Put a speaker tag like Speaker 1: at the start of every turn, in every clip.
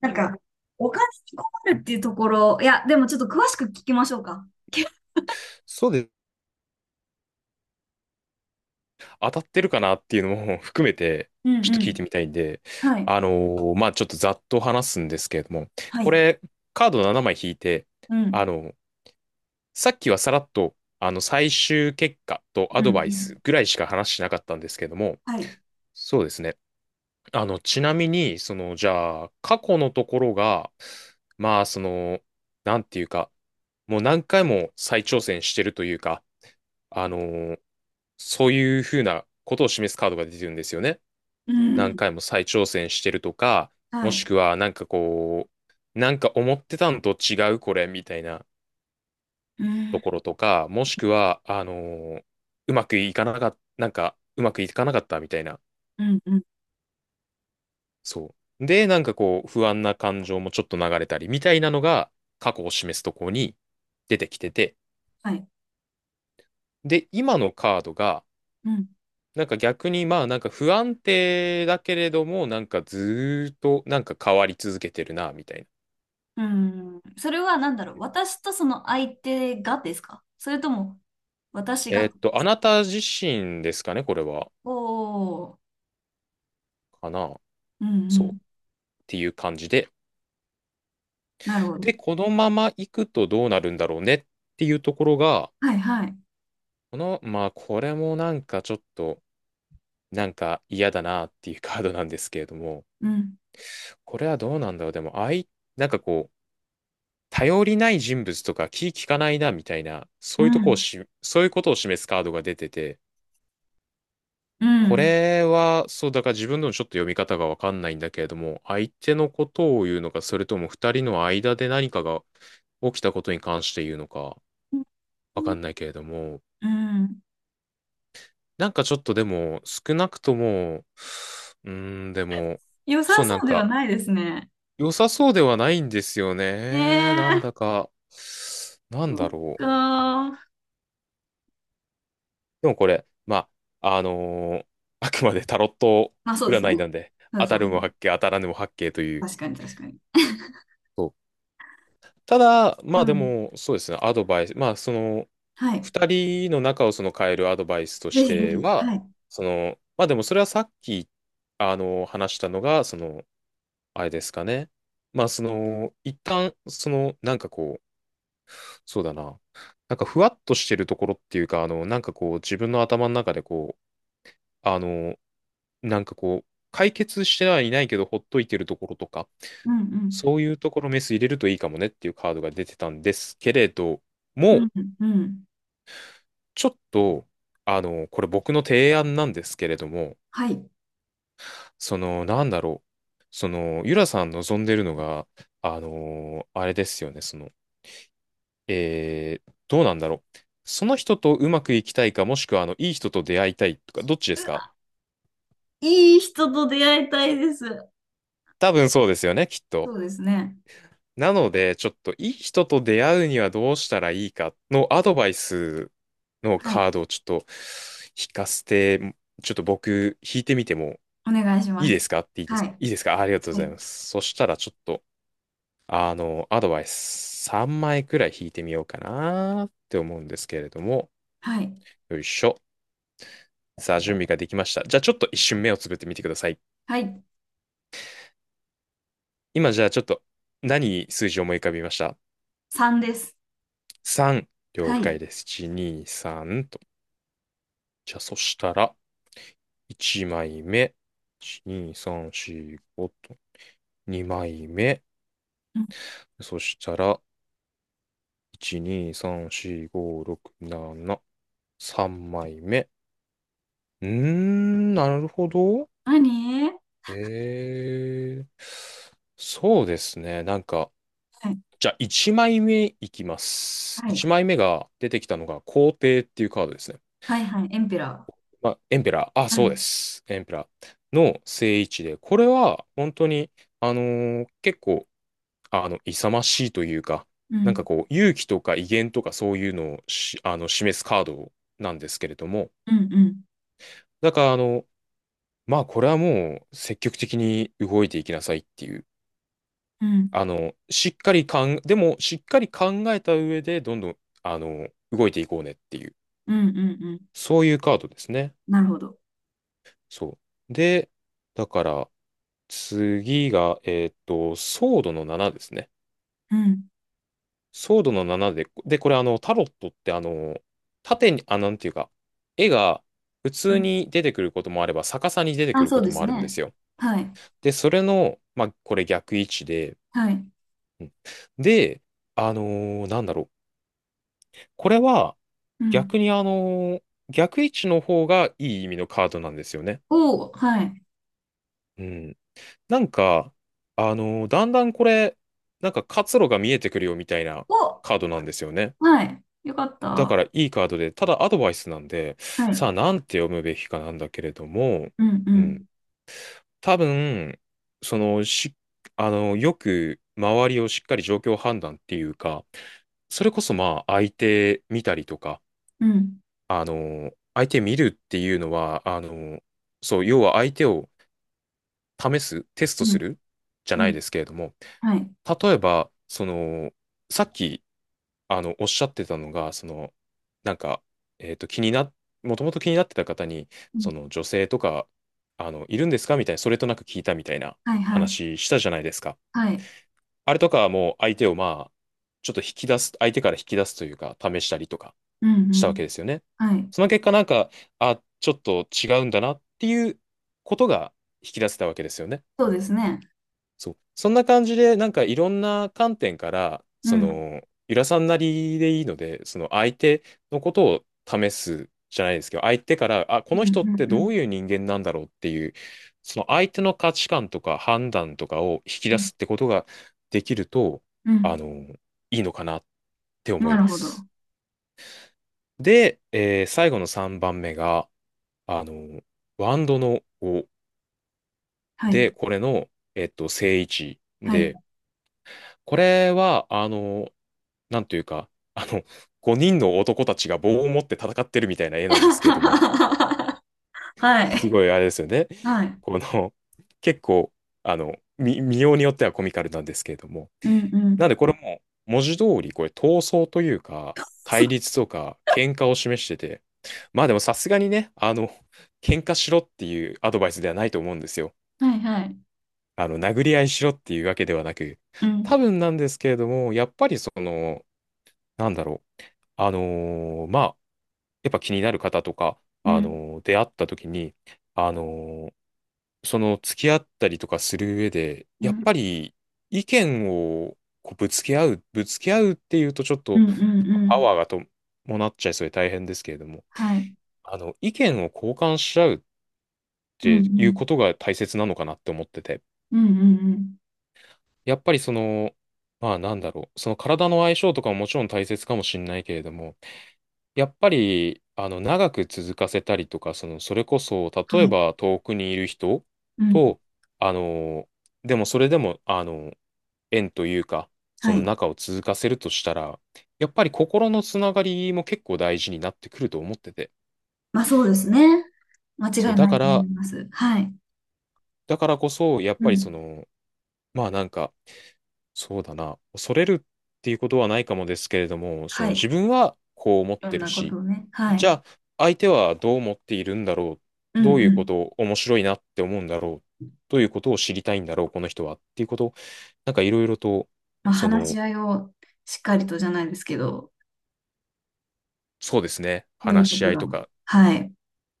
Speaker 1: なんか、お金に困るっていうところ、いや、でもちょっと詳しく聞きましょうか。
Speaker 2: そうです。当たってるかなっていうのも 含めて、
Speaker 1: うん
Speaker 2: ちょっと
Speaker 1: う
Speaker 2: 聞いて
Speaker 1: ん。
Speaker 2: みたいんで、
Speaker 1: はい。
Speaker 2: あのまあ、ちょっとざっと話すんですけれども、
Speaker 1: は
Speaker 2: こ
Speaker 1: い。
Speaker 2: れ、カード7枚引いて、
Speaker 1: う
Speaker 2: あ
Speaker 1: ん。
Speaker 2: の、さっきはさらっと、あの、最終結果とア
Speaker 1: うんう
Speaker 2: ドバイス
Speaker 1: ん。
Speaker 2: ぐらいしか話しなかったんですけども、
Speaker 1: はい。
Speaker 2: そうですね。あの、ちなみに、その、じゃあ、過去のところが、まあ、その、なんていうか、もう何回も再挑戦してるというか、あのーそういうふうなことを示すカードが出てるんですよね。
Speaker 1: う
Speaker 2: 何
Speaker 1: ん。
Speaker 2: 回も再挑戦してるとか、
Speaker 1: は
Speaker 2: もし
Speaker 1: い。
Speaker 2: くはなんかこう、なんか思ってたのと違うこれみたいな
Speaker 1: う
Speaker 2: と
Speaker 1: ん。
Speaker 2: ころとか、もしくは、うまくいかなかった、なんかうまくいかなかったみたいな。
Speaker 1: うんうん。
Speaker 2: そう。で、なんかこう、不安な感情もちょっと流れたりみたいなのが過去を示すところに出てきてて、
Speaker 1: はい。
Speaker 2: で、今のカードが、
Speaker 1: うん。
Speaker 2: なんか逆にまあなんか不安定だけれどもなんかずーっとなんか変わり続けてるなみたいな。
Speaker 1: うんそれは何だろう。私とその相手がですか、それとも、私が。
Speaker 2: あなた自身ですかね、これは。
Speaker 1: おお。
Speaker 2: かな。
Speaker 1: うんう
Speaker 2: そう。っ
Speaker 1: ん。
Speaker 2: ていう感じで。
Speaker 1: なるほど。
Speaker 2: で、このまま行くとどうなるんだろうねっていうところが、
Speaker 1: はいはい。
Speaker 2: この、まあこれもなんかちょっとなんか嫌だなっていうカードなんですけれども、
Speaker 1: うん。
Speaker 2: これはどうなんだろう。でも、あい、なんかこう、頼りない人物とか気利かないなみたいな、
Speaker 1: う
Speaker 2: そういうとこ
Speaker 1: ん。
Speaker 2: をし、そういうことを示すカードが出てて、
Speaker 1: う
Speaker 2: こ
Speaker 1: ん。
Speaker 2: れは、そう、だから自分でもちょっと読み方がわかんないんだけれども、相手のことを言うのか、それとも二人の間で何かが起きたことに関して言うのか、
Speaker 1: う
Speaker 2: わか
Speaker 1: ん。
Speaker 2: んないけれども、
Speaker 1: うん
Speaker 2: なんかちょっとでも、少なくとも、うーん、でも、
Speaker 1: 良さ
Speaker 2: そう、なん
Speaker 1: そうでは
Speaker 2: か、
Speaker 1: ないですね。
Speaker 2: 良さそうではないんですよね。なん
Speaker 1: ええ。
Speaker 2: だか、なん
Speaker 1: そ
Speaker 2: だ
Speaker 1: っ
Speaker 2: ろう。
Speaker 1: か。
Speaker 2: でもこれ、まあ、あくまでタロット
Speaker 1: まあそうですね。
Speaker 2: 占いなんで、
Speaker 1: そう
Speaker 2: 当
Speaker 1: そ
Speaker 2: た
Speaker 1: う、
Speaker 2: るも八卦、当たらぬも八卦という、
Speaker 1: 確かに、確かに。
Speaker 2: そうただ、
Speaker 1: う
Speaker 2: まあで
Speaker 1: ん。
Speaker 2: も、そうですね、アドバイス、まあその、
Speaker 1: はい。
Speaker 2: 二人の仲をその変えるアドバイスと
Speaker 1: ぜ
Speaker 2: し
Speaker 1: ひぜ
Speaker 2: て
Speaker 1: ひ。
Speaker 2: は、
Speaker 1: はい。
Speaker 2: その、まあでもそれはさっき、あの、話したのが、その、あれですかね。まあその、一旦、その、なんかこう、そうだな、なんかふわっとしてるところっていうか、あの、なんかこう、自分の頭の中でこう、あの、なんかこう、解決してはいないけど、ほっといてるところとか、
Speaker 1: うんうん。
Speaker 2: そういうところメス入れるといいかもねっていうカードが出てたんですけれど
Speaker 1: う
Speaker 2: も、
Speaker 1: んうん。うん
Speaker 2: ちょっと、あの、これ僕の提案なんですけれども、
Speaker 1: はい。う
Speaker 2: その、なんだろう。その、ゆらさん望んでるのが、あの、あれですよね、その、えー、どうなんだろう。その人とうまくいきたいか、もしくは、あの、いい人と出会いたいとか、どっちですか、
Speaker 1: わ、いい人と出会いたいです。
Speaker 2: 多分そうですよね、きっ
Speaker 1: そ
Speaker 2: と。
Speaker 1: うですね。
Speaker 2: なので、ちょっと、いい人と出会うにはどうしたらいいかのアドバイスの
Speaker 1: は
Speaker 2: カ
Speaker 1: い。
Speaker 2: ードをちょっと引かせて、ちょっと僕、引いてみても
Speaker 1: お願いし
Speaker 2: いい
Speaker 1: ま
Speaker 2: で
Speaker 1: す。
Speaker 2: すかっていいです
Speaker 1: は
Speaker 2: か
Speaker 1: い。
Speaker 2: いいですか、ありがとうご
Speaker 1: は
Speaker 2: ざい
Speaker 1: い。
Speaker 2: ます。そしたらちょっと、あの、アドバイス3枚くらい引いてみようかなって思うんですけれども、
Speaker 1: はい。
Speaker 2: よいしょ。さあ、準備ができました。じゃあちょっと一瞬目をつぶってみてください。
Speaker 1: はい。
Speaker 2: 今じゃあちょっと何数字を思い浮かびました？
Speaker 1: 3です。
Speaker 2: 3。了
Speaker 1: はい。
Speaker 2: 解です。1、2、3と。じゃあそしたら、1枚目。1、2、3、4、5と。2枚目。
Speaker 1: うん。
Speaker 2: そしたら、1、2、3、4、5、6、7。3枚目。うーん、なるほど。
Speaker 1: 何
Speaker 2: ええ。そうですね。なんか、
Speaker 1: はい。
Speaker 2: じゃあ1枚目いめいきます。
Speaker 1: はい。
Speaker 2: 1枚目が出てきたのが皇帝っていうカードですね。
Speaker 1: はいはい。エンペラ
Speaker 2: まあ、エンペラー。あ、
Speaker 1: ー。は
Speaker 2: そうで
Speaker 1: い。
Speaker 2: す。エンペラーの正位置で、これは本当に、結構、あの、勇ましいというか、
Speaker 1: う
Speaker 2: なん
Speaker 1: ん。
Speaker 2: かこう、勇気とか威厳とかそういうのをし、あの、示すカードなんですけれども、
Speaker 1: うんうん。
Speaker 2: だから、あの、まあ、これはもう積極的に動いていきなさいっていう。
Speaker 1: うん。
Speaker 2: あの、しっかりかん、でも、しっかり考えた上で、どんどん、あの、動いていこうねっていう、
Speaker 1: うんうんうん。
Speaker 2: そういうカードですね。
Speaker 1: なるほど。
Speaker 2: そう。で、だから、次が、ソードの7ですね。
Speaker 1: うん。
Speaker 2: ソードの7で、で、これ、あの、タロットって、あの、縦に、あ、なんていうか、絵が普
Speaker 1: う
Speaker 2: 通
Speaker 1: ん。
Speaker 2: に出てくることもあれば、逆さに出てく
Speaker 1: あ、
Speaker 2: る
Speaker 1: そ
Speaker 2: こ
Speaker 1: う
Speaker 2: と
Speaker 1: で
Speaker 2: も
Speaker 1: す
Speaker 2: あるんで
Speaker 1: ね。
Speaker 2: すよ。
Speaker 1: はい。
Speaker 2: で、それの、まあ、これ逆位置で、
Speaker 1: はい。
Speaker 2: うん、で、なんだろう。これは
Speaker 1: うん。
Speaker 2: 逆に逆位置の方がいい意味のカードなんですよね。
Speaker 1: おー、はい。
Speaker 2: うん。なんか、だんだんこれ、なんか活路が見えてくるよみたいな
Speaker 1: を、
Speaker 2: カードなんですよね。
Speaker 1: はい。よかっ
Speaker 2: だか
Speaker 1: た。
Speaker 2: らいいカードで、ただアドバイスなんで、
Speaker 1: は
Speaker 2: さ
Speaker 1: い。
Speaker 2: あなんて読むべきかなんだけれども、
Speaker 1: うん、う
Speaker 2: う
Speaker 1: ん、
Speaker 2: ん。多分、その、し、あのよく周りをしっかり状況判断っていうか、それこそまあ相手見たりとか、
Speaker 1: うん、
Speaker 2: あの、相手見るっていうのは、あの、そう、要は相手を試す、テスト
Speaker 1: う
Speaker 2: す
Speaker 1: ん、
Speaker 2: るじゃな
Speaker 1: う
Speaker 2: い
Speaker 1: ん。
Speaker 2: ですけれども、
Speaker 1: はい。
Speaker 2: 例えば、その、さっき、あの、おっしゃってたのが、その、なんか、えっと、気にな、もともと気になってた方に、
Speaker 1: うん、
Speaker 2: その、女性とか、あの、いるんですかみたいな、それとなく聞いたみたいな
Speaker 1: はい、はい。
Speaker 2: 話したじゃないですか。
Speaker 1: はい。
Speaker 2: あれとかはもう相手を、まあ、ちょっと引き出す、相手から引き出すというか、試したりとか
Speaker 1: うん、
Speaker 2: し
Speaker 1: う
Speaker 2: たわけ
Speaker 1: ん。
Speaker 2: ですよね。
Speaker 1: はい。
Speaker 2: その結果なんか、あ、ちょっと違うんだなっていうことが引き出せたわけですよね。
Speaker 1: そうですね。
Speaker 2: そう。そんな感じで、なんかいろんな観点から、
Speaker 1: うん、
Speaker 2: そ
Speaker 1: うん、
Speaker 2: の、ゆらさんなりでいいので、その相手のことを試すじゃないですけど、相手から、あ、こ
Speaker 1: う
Speaker 2: の
Speaker 1: ん、
Speaker 2: 人って
Speaker 1: う
Speaker 2: ど
Speaker 1: ん、
Speaker 2: ういう人間なんだろうっていう、その相手の価値観とか判断とかを引き
Speaker 1: う
Speaker 2: 出
Speaker 1: ん。
Speaker 2: すってことができると、
Speaker 1: う
Speaker 2: あ
Speaker 1: ん
Speaker 2: の、いいのかなって思い
Speaker 1: なる
Speaker 2: ま
Speaker 1: ほ
Speaker 2: す。
Speaker 1: ど。
Speaker 2: で、えー最後の3番目が、あの、ワンドの5
Speaker 1: はい。
Speaker 2: で、これの、えっと、正位置
Speaker 1: はい。
Speaker 2: で、これは、あの、なんというか、あの、5人の男たちが棒を持って戦ってるみたいな絵なんですけれども、
Speaker 1: は
Speaker 2: す
Speaker 1: い。
Speaker 2: ごいあれですよね。
Speaker 1: はい。
Speaker 2: この、結構、あの、み見ようによってはコミカルなんですけれども。
Speaker 1: うん、う
Speaker 2: なん
Speaker 1: ん。
Speaker 2: で、これも、文字通り、これ、闘争というか、
Speaker 1: そ
Speaker 2: 対
Speaker 1: う、
Speaker 2: 立とか、喧嘩を示してて、まあでもさすがにね、あの、喧嘩しろっていうアドバイスではないと思うんですよ。
Speaker 1: はい、はい。
Speaker 2: あの、殴り合いしろっていうわけではなく、
Speaker 1: うん、
Speaker 2: 多分なんですけれども、やっぱりその、なんだろう、まあ、やっぱ気になる方とか、
Speaker 1: うん、
Speaker 2: 出会った時に、あのーその付き合ったりとかする上で、
Speaker 1: う
Speaker 2: やっ
Speaker 1: ん、
Speaker 2: ぱり意見をこうぶつけ合うっていうとちょっ
Speaker 1: うん、
Speaker 2: と
Speaker 1: うん、う
Speaker 2: パ
Speaker 1: ん。
Speaker 2: ワーがと伴っちゃいそうで大変ですけれども、
Speaker 1: はい。
Speaker 2: あの、意見を交換し合うっ
Speaker 1: うん、う
Speaker 2: ていうこ
Speaker 1: ん、
Speaker 2: とが大切なのかなって思ってて。
Speaker 1: うん、うん、うん。
Speaker 2: やっぱりその、まあなんだろう、その体の相性とかももちろん大切かもしれないけれども、やっぱり、あの、長く続かせたりとか、その、それこそ、
Speaker 1: は
Speaker 2: 例え
Speaker 1: い。
Speaker 2: ば遠くにいる人
Speaker 1: うん、
Speaker 2: と、あの、でもそれでも、あの、縁というか、そ
Speaker 1: は
Speaker 2: の
Speaker 1: い。
Speaker 2: 仲を続かせるとしたら、やっぱり心のつながりも結構大事になってくると思ってて、
Speaker 1: まあそうですね。間
Speaker 2: そ
Speaker 1: 違
Speaker 2: う、
Speaker 1: い
Speaker 2: だ
Speaker 1: な
Speaker 2: か
Speaker 1: いと思い
Speaker 2: ら、
Speaker 1: ます。はい。
Speaker 2: だからこそ、やっ
Speaker 1: う
Speaker 2: ぱりそ
Speaker 1: ん。
Speaker 2: の、まあなんか、そうだな。恐れるっていうことはないかもですけれども、そ
Speaker 1: は
Speaker 2: の
Speaker 1: い。い
Speaker 2: 自分はこう思っ
Speaker 1: ろん
Speaker 2: てる
Speaker 1: なこ
Speaker 2: し、
Speaker 1: とをね。は
Speaker 2: じゃ
Speaker 1: い。
Speaker 2: あ相手はどう思っているんだろ
Speaker 1: う
Speaker 2: う。ど
Speaker 1: ん
Speaker 2: う
Speaker 1: う
Speaker 2: いうこ
Speaker 1: ん。
Speaker 2: とを面白いなって思うんだろう。どういうことを知りたいんだろう、この人は。っていうことを、なんかいろいろと、
Speaker 1: まあ、
Speaker 2: そ
Speaker 1: 話
Speaker 2: の、
Speaker 1: し合いをしっかりとじゃないですけど、
Speaker 2: そうですね。
Speaker 1: そういう
Speaker 2: 話
Speaker 1: こ
Speaker 2: し
Speaker 1: と
Speaker 2: 合い
Speaker 1: が。
Speaker 2: とか
Speaker 1: はい。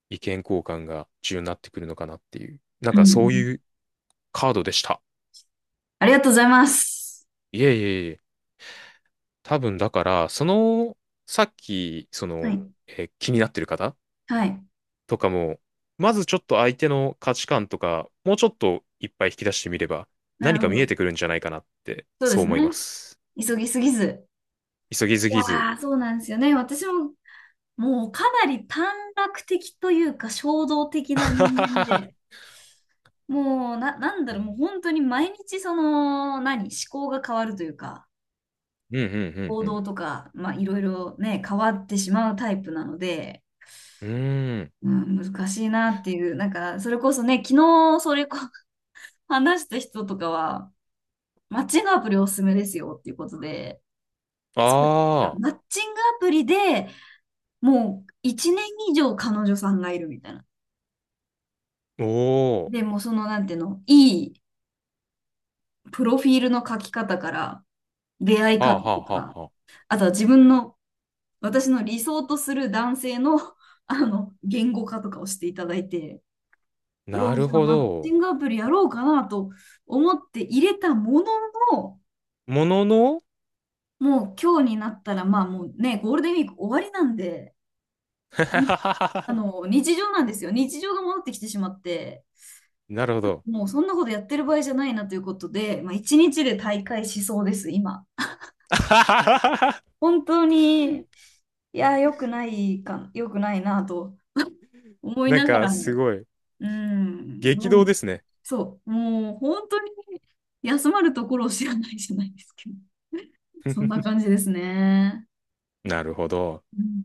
Speaker 2: 意見交換が重要になってくるのかなっていう。なん
Speaker 1: う
Speaker 2: か
Speaker 1: んう
Speaker 2: そう
Speaker 1: ん。
Speaker 2: いうカードでした。
Speaker 1: ありがとうございます。
Speaker 2: いえいえいえ。多分だから、その、さっき、そ
Speaker 1: は
Speaker 2: の、
Speaker 1: い。
Speaker 2: えー気になってる方
Speaker 1: はい。
Speaker 2: とかも、まずちょっと相手の価値観とか、もうちょっといっぱい引き出してみれば、
Speaker 1: な
Speaker 2: 何
Speaker 1: る
Speaker 2: か
Speaker 1: ほ
Speaker 2: 見え
Speaker 1: ど。
Speaker 2: てくるんじゃないかなって、
Speaker 1: そうで
Speaker 2: そう
Speaker 1: す
Speaker 2: 思い
Speaker 1: ね。
Speaker 2: ます。
Speaker 1: 急ぎすぎず。
Speaker 2: 急ぎすぎ
Speaker 1: い
Speaker 2: ず。
Speaker 1: やー、そうなんですよね。私も、もうかなり短絡的というか、衝動的な人間で、もう、なんだ
Speaker 2: う
Speaker 1: ろう、
Speaker 2: ん
Speaker 1: もう本当に毎日その、何、思考が変わるというか、
Speaker 2: うんう
Speaker 1: 行動
Speaker 2: ん
Speaker 1: とか、まあ、いろいろね、変わってしまうタイプなので、
Speaker 2: うん。うーん。
Speaker 1: うん、難しいなっていう、なんか、それこそね、昨日、それこ、話した人とかは、マッチングアプリおすすめですよっていうことで、すごい
Speaker 2: ああ、
Speaker 1: マッチングアプリでもう1年以上彼女さんがいるみたいな。
Speaker 2: おお。
Speaker 1: で、もうその、なんていうの、いいプロフィールの書き方から、出会い
Speaker 2: はあ
Speaker 1: 方
Speaker 2: はあ
Speaker 1: と
Speaker 2: は
Speaker 1: か、
Speaker 2: あはあ。
Speaker 1: あとは自分の、私の理想とする男性の、言語化とかをしていただいて、
Speaker 2: な
Speaker 1: お
Speaker 2: る
Speaker 1: じゃあ
Speaker 2: ほ
Speaker 1: マッ
Speaker 2: ど。
Speaker 1: チングアプリやろうかなと思って入れたものの、
Speaker 2: ものの
Speaker 1: もう今日になったら、まあもうね、ゴールデンウィーク終わりなんで、ん日常なんですよ。日常が戻ってきてしまって、
Speaker 2: なるほど。
Speaker 1: もうそんなことやってる場合じゃないなということで、まあ一日で大会しそうです、今。本当に、いや、良くないか、良くないなと思い
Speaker 2: なん
Speaker 1: なが
Speaker 2: か、
Speaker 1: ら
Speaker 2: す
Speaker 1: も、
Speaker 2: ごい。
Speaker 1: うん、
Speaker 2: 激
Speaker 1: どう
Speaker 2: 動
Speaker 1: に
Speaker 2: ですね。
Speaker 1: そう、もう本当に休まるところを知らないじゃないですけど。そんな感じですね。
Speaker 2: なるほど。
Speaker 1: うん